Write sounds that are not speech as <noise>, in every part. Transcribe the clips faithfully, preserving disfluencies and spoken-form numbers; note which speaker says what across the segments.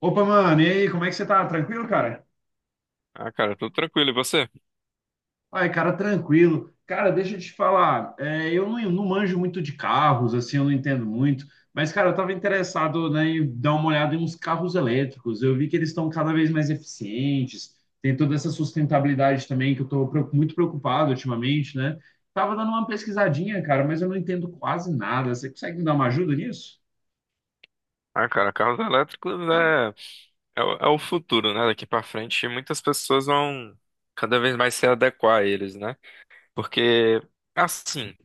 Speaker 1: Opa, mano, e aí, como é que você tá? Tranquilo, cara?
Speaker 2: Ah, cara, tudo tranquilo. E você?
Speaker 1: Ai, cara, tranquilo. Cara, deixa eu te falar, é, eu não, não manjo muito de carros, assim, eu não entendo muito, mas, cara, eu tava interessado, né, em dar uma olhada em uns carros elétricos. Eu vi que eles estão cada vez mais eficientes, tem toda essa sustentabilidade também que eu tô preo- muito preocupado ultimamente, né? Tava dando uma pesquisadinha, cara, mas eu não entendo quase nada. Você consegue me dar uma ajuda nisso?
Speaker 2: Ah, cara, carros elétricos é, é, o é o futuro, né? Daqui pra frente, muitas pessoas vão cada vez mais se adequar a eles, né? Porque, assim,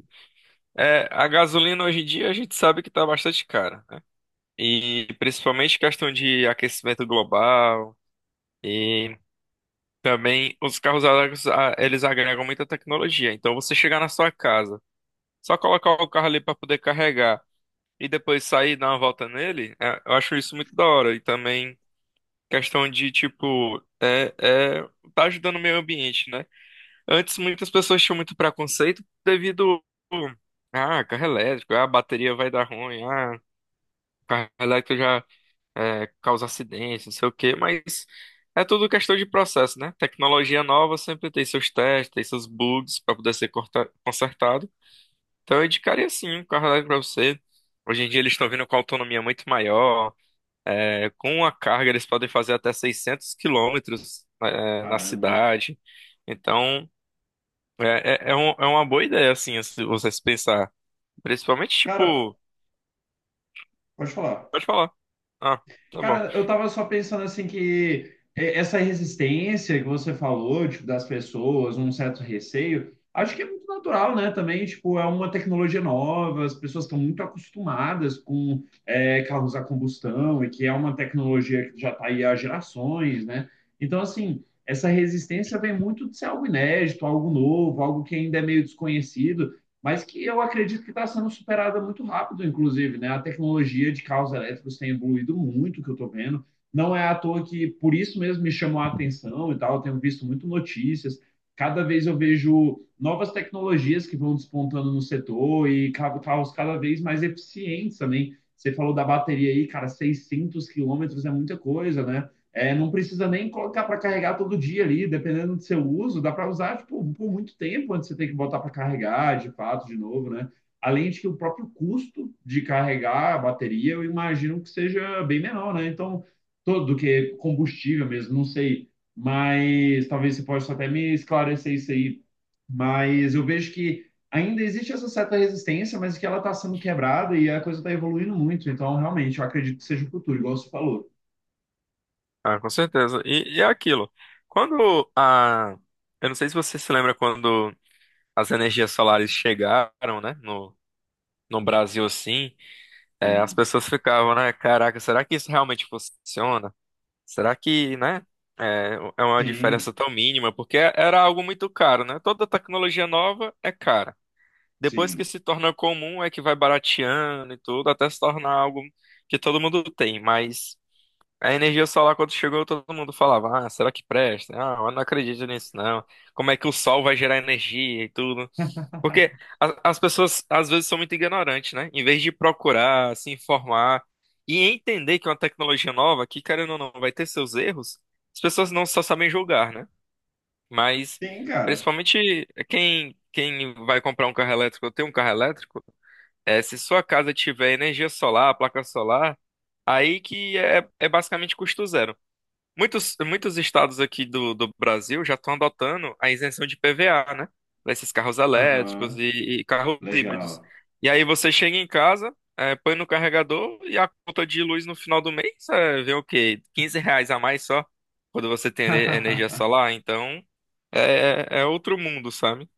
Speaker 2: é, a gasolina hoje em dia a gente sabe que tá bastante cara, né? E principalmente questão de aquecimento global e também os carros elétricos, ah, eles agregam muita tecnologia. Então, você chegar na sua casa, só colocar o carro ali pra poder carregar. E depois sair e dar uma volta nele, é, eu acho isso muito da hora. E também questão de, tipo, é, é, tá ajudando o meio ambiente, né? Antes muitas pessoas tinham muito preconceito devido ah, carro elétrico, ah, a bateria vai dar ruim, ah, carro elétrico já é, causa acidente, não sei o quê, mas é tudo questão de processo, né? Tecnologia nova sempre tem seus testes, tem seus bugs para poder ser corta- consertado. Então eu indicaria sim um carro elétrico para você. Hoje em dia eles estão vindo com autonomia muito maior. Com a carga, eles podem fazer até seiscentos quilômetros eh, na
Speaker 1: Caramba, hein?
Speaker 2: cidade. Então, é, é, é um- é uma boa ideia, assim, se você se pensar. Principalmente,
Speaker 1: Cara,
Speaker 2: tipo,
Speaker 1: pode falar.
Speaker 2: pode falar. Ah, tá bom.
Speaker 1: Cara, eu tava só pensando assim que é, essa resistência que você falou, tipo, das pessoas, um certo receio, acho que é muito natural, né? Também, tipo, é uma tecnologia nova, as pessoas estão muito acostumadas com é, carros a combustão e que é uma tecnologia que já está aí há gerações, né? Então, assim, essa resistência vem muito de ser algo inédito, algo novo, algo que ainda é meio desconhecido, mas que eu acredito que está sendo superada muito rápido, inclusive, né? A tecnologia de carros elétricos tem evoluído muito, que eu estou vendo. Não é à toa que por isso mesmo me chamou a atenção e tal. Eu tenho visto muito notícias. Cada vez eu vejo novas tecnologias que vão despontando no setor e ca- carros cada vez mais eficientes também. Você falou da bateria aí, cara, seiscentos quilômetros é muita coisa, né? É, não precisa nem colocar para carregar todo dia ali, dependendo do seu uso, dá para usar tipo, por muito tempo antes de você tem que botar para carregar, de fato, de novo, né? Além de que o próprio custo de carregar a bateria, eu imagino que seja bem menor, né? Então, todo do que combustível mesmo, não sei, mas talvez você possa até me esclarecer isso aí. Mas eu vejo que ainda existe essa certa resistência, mas que ela está sendo quebrada e a coisa está evoluindo muito. Então, realmente, eu acredito que seja o futuro, igual você falou.
Speaker 2: Ah, com certeza. E, e é aquilo. Quando a. Eu não sei se você se lembra quando as energias solares chegaram, né, no, no Brasil, assim, eh, as
Speaker 1: Sim,
Speaker 2: pessoas ficavam, né, caraca, será que isso realmente funciona? Será que, né? É, é uma
Speaker 1: sim.
Speaker 2: diferença tão mínima, porque era algo muito caro, né? Toda tecnologia nova é cara. Depois que
Speaker 1: Sim.
Speaker 2: se torna comum, é que vai barateando e tudo, até se tornar algo que todo mundo tem. Mas a energia solar, quando chegou, todo mundo falava: Ah, será que presta? Ah, eu não acredito nisso, não. Como é que o sol vai gerar energia e tudo? Porque a- as pessoas às vezes são muito ignorantes, né? Em vez de procurar, se informar e entender que é uma tecnologia nova, que querendo ou não, vai ter seus erros, as pessoas não só sabem julgar, né? Mas
Speaker 1: Sim, cara.
Speaker 2: principalmente quem, quem vai comprar um carro elétrico ou tem um carro elétrico, é, se sua casa tiver energia solar, placa solar, aí que é, é basicamente custo zero, né? Muitos, muitos estados aqui do, do Brasil já estão adotando a isenção de P V A, né? Para esses carros elétricos
Speaker 1: Aham.
Speaker 2: e, e carros híbridos.
Speaker 1: Legal.
Speaker 2: E aí você chega em casa, eh, põe no carregador e a conta de luz no final do mês eh, vê o quê? Quinze reais a mais só quando você tem ene- energia
Speaker 1: <laughs>
Speaker 2: solar. Então é, é é outro mundo, sabe?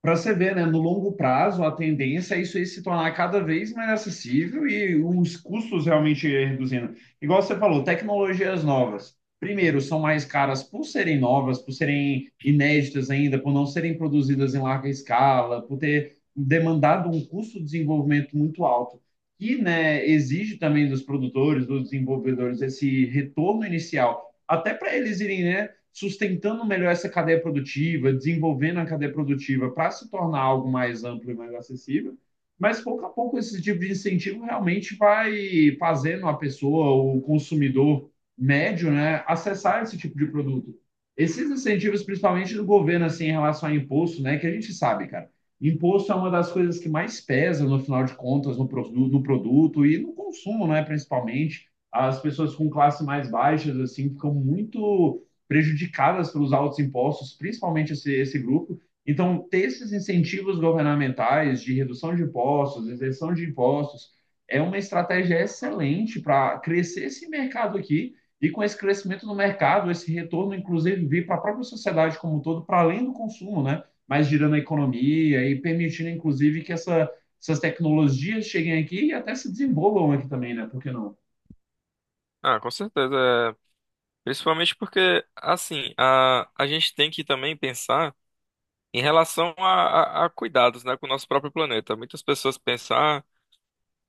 Speaker 1: Para você ver, né, no longo prazo, a tendência é isso aí se tornar cada vez mais acessível e os custos realmente reduzindo. Igual você falou, tecnologias novas. Primeiro, são mais caras por serem novas, por serem inéditas ainda, por não serem produzidas em larga escala, por ter demandado um custo de desenvolvimento muito alto. E, né, exige também dos produtores, dos desenvolvedores, esse retorno inicial, até para eles irem, né, sustentando melhor essa cadeia produtiva, desenvolvendo a cadeia produtiva para se tornar algo mais amplo e mais acessível. Mas pouco a pouco esse tipo de incentivo realmente vai fazendo a pessoa, o consumidor médio, né, acessar esse tipo de produto. Esses incentivos, principalmente do governo, assim, em relação a imposto, né, que a gente sabe, cara, imposto é uma das coisas que mais pesa no final de contas no, produto, no produto e no consumo, né, principalmente. As pessoas com classe mais baixas, assim, ficam muito prejudicadas pelos altos impostos, principalmente esse, esse grupo. Então, ter esses incentivos governamentais de redução de impostos, isenção de impostos, é uma estratégia excelente para crescer esse mercado aqui e com esse crescimento do mercado, esse retorno, inclusive, vir para a própria sociedade como um todo, para além do consumo, né? Mas girando a economia e permitindo, inclusive, que essa, essas tecnologias cheguem aqui e até se desenvolvam aqui também, né? Por que não?
Speaker 2: Ah, com certeza. É. Principalmente porque, assim, a, a gente tem que também pensar em relação a, a- a cuidados, né, com o nosso próprio planeta. Muitas pessoas pensam, ah,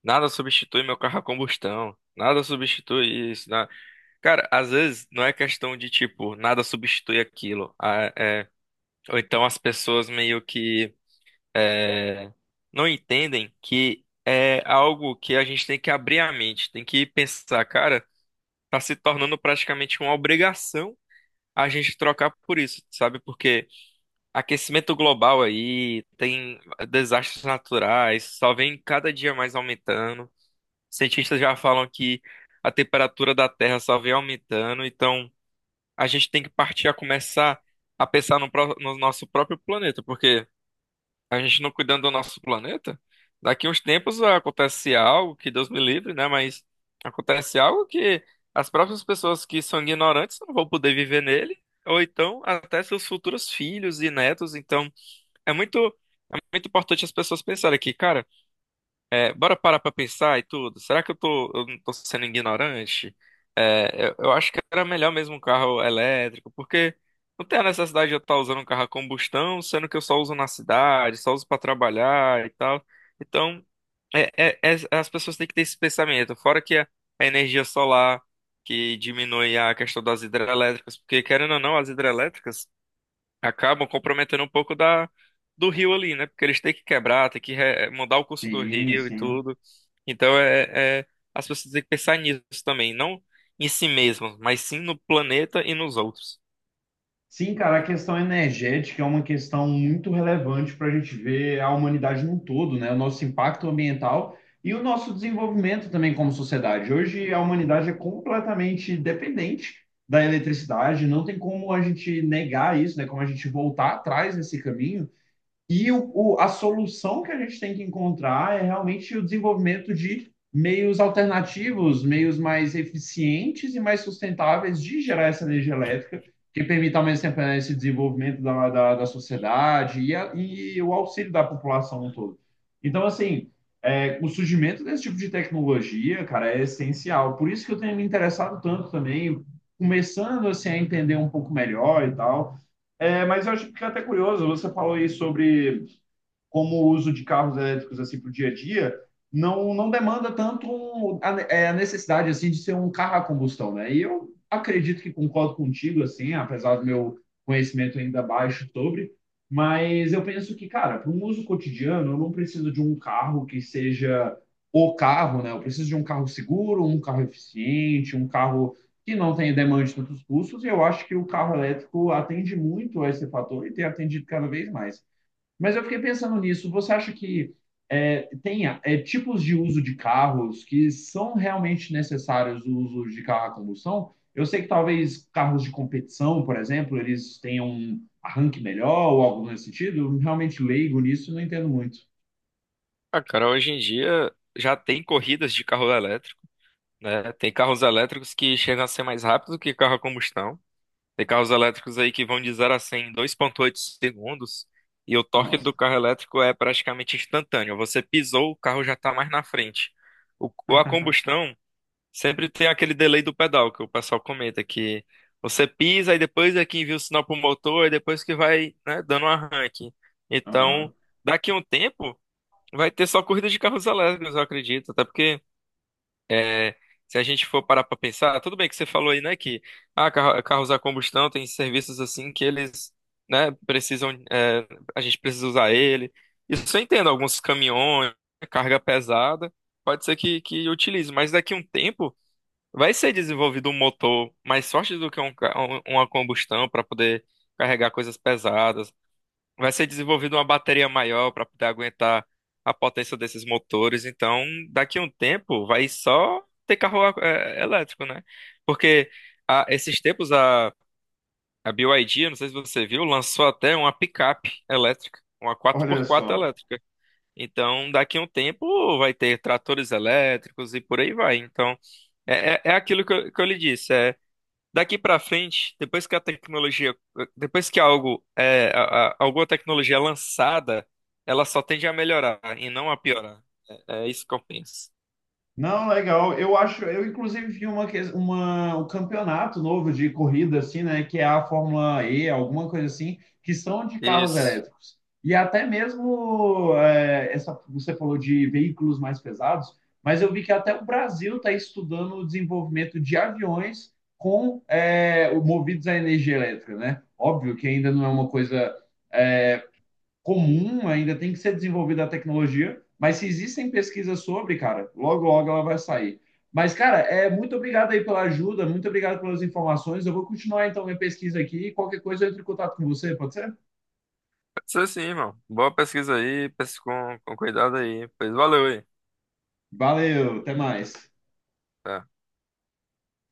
Speaker 2: nada substitui meu carro a combustão, nada substitui isso, né? Cara, às vezes não é questão de tipo, nada substitui aquilo. Ah, é, ou então as pessoas meio que não entendem que é algo que a gente tem que abrir a mente, tem que pensar, cara, tá se tornando praticamente uma obrigação a gente trocar por isso, sabe? Porque aquecimento global aí, tem desastres naturais, só vem cada dia mais aumentando. Cientistas já falam que a temperatura da Terra só vem aumentando, então a gente tem que partir a começar a pensar no, pró- no nosso próprio planeta, porque a gente não cuidando do nosso planeta, daqui uns tempos acontece algo que Deus me livre, né? Mas acontece algo que as próprias pessoas que são ignorantes não vão poder viver nele, ou então até seus futuros filhos e netos, então. É muito, é muito importante as pessoas pensarem aqui, cara, é, bora parar pra pensar e tudo. Será que eu tô, eu não tô sendo ignorante? É, eu, eu acho que era melhor mesmo um carro elétrico, porque não tem a necessidade de eu estar usando um carro a combustão, sendo que eu só uso na cidade, só uso pra trabalhar e tal. Então, é- é- é- as pessoas têm que ter esse pensamento. Fora que a, a energia solar, que diminui a questão das hidrelétricas, porque querendo ou não, as hidrelétricas acabam comprometendo um pouco da do rio ali, né? Porque eles têm que quebrar, têm que re- mudar o curso do
Speaker 1: Sim,
Speaker 2: rio e
Speaker 1: sim.
Speaker 2: tudo. Então é, é- as pessoas têm que pensar nisso também, não em si mesmas, mas sim no planeta e nos outros.
Speaker 1: Sim, cara, a questão energética é uma questão muito relevante para a gente ver a humanidade num todo, né? O nosso impacto ambiental e o nosso desenvolvimento também como sociedade. Hoje a humanidade é completamente dependente da eletricidade, não tem como a gente negar isso, né? Como a gente voltar atrás nesse caminho. E o, o- a solução que a gente tem que encontrar é realmente o desenvolvimento de meios alternativos, meios mais eficientes e mais sustentáveis de gerar essa energia elétrica, que permita ao mesmo tempo né, esse desenvolvimento da, da, da sociedade e, a- e o auxílio da população todo. Então, assim, é, o surgimento desse tipo de tecnologia, cara, é essencial. Por isso que eu tenho me interessado tanto também, começando assim, a entender um pouco melhor e tal. É, mas eu acho que fica até curioso, você falou aí sobre como o uso de carros elétricos assim para o dia a dia, não, não demanda tanto a, é, a necessidade assim de ser um carro a combustão, né? E eu acredito que concordo contigo assim, apesar do meu conhecimento ainda baixo sobre, mas eu penso que, cara, para um uso cotidiano, eu não preciso de um carro que seja o carro, né? Eu preciso de um carro seguro, um carro eficiente, um carro que não tenha demanda de tantos custos, e eu acho que o carro elétrico atende muito a esse fator e tem atendido cada vez mais. Mas eu fiquei pensando nisso. Você acha que é, tem é, tipos de uso de carros que são realmente necessários o uso de carro a combustão? Eu sei que talvez carros de competição, por exemplo, eles tenham um arranque melhor ou algo nesse sentido. Eu realmente leigo nisso e não entendo muito.
Speaker 2: Ah, cara, hoje em dia já tem corridas de carro elétrico, né? Tem carros elétricos que chegam a ser mais rápidos do que carro a combustão. Tem carros elétricos aí que vão de zero a cem em dois vírgula oito segundos e o torque
Speaker 1: Nossa.
Speaker 2: do carro elétrico é praticamente instantâneo. Você pisou, o carro já está mais na frente. O, o- a combustão sempre tem aquele delay do pedal que o pessoal comenta que você pisa e depois é que envia o sinal para o motor e depois que vai, né, dando um arranque. Então,
Speaker 1: Aham.
Speaker 2: daqui a um tempo vai ter só corrida de carros elétricos, eu acredito, até porque é, se a gente for parar para pensar, tudo bem que você falou aí, né, que ah, carro- carros a combustão tem serviços assim que eles, né, precisam, é, a gente precisa usar ele. Isso eu entendo, alguns caminhões, carga pesada, pode ser que, que utilize, mas daqui a um tempo vai ser desenvolvido um motor mais forte do que um, ca- um- uma combustão para poder carregar coisas pesadas. Vai ser desenvolvida uma bateria maior para poder aguentar a potência desses motores. Então, daqui a um tempo, vai só ter carro é, elétrico, né? Porque há esses tempos a, a B Y D, eu não sei se você viu, lançou até uma picape elétrica, uma quatro
Speaker 1: Olha
Speaker 2: por quatro
Speaker 1: só.
Speaker 2: elétrica. Então, daqui a um tempo, vai ter tratores elétricos e por aí vai. Então, é, é, é aquilo que eu, que eu lhe disse. é Daqui para frente, depois que a tecnologia, depois que algo é, a- a- alguma tecnologia é lançada, ela só tende a melhorar e não a piorar. É, é isso que eu penso.
Speaker 1: Não, legal. Eu acho, eu inclusive vi uma, que- uma- um campeonato novo de corrida, assim, né? Que é a Fórmula E, alguma coisa assim, que são de carros
Speaker 2: Isso.
Speaker 1: elétricos. E até mesmo, é, essa, você falou de veículos mais pesados, mas eu vi que até o Brasil está estudando o desenvolvimento de aviões com, é, o- movidos à energia elétrica, né? Óbvio que ainda não é uma coisa, é, comum, ainda tem que ser desenvolvida a tecnologia, mas se existem pesquisas sobre, cara, logo, logo ela vai sair. Mas, cara, é muito obrigado aí pela ajuda, muito obrigado pelas informações. Eu vou continuar então minha pesquisa aqui. Qualquer coisa eu entro em contato com você, pode ser?
Speaker 2: Pode ser sim, irmão. Boa pesquisa aí, pesquisa com, com cuidado aí. Pois valeu aí.
Speaker 1: Valeu, até mais.
Speaker 2: Tá.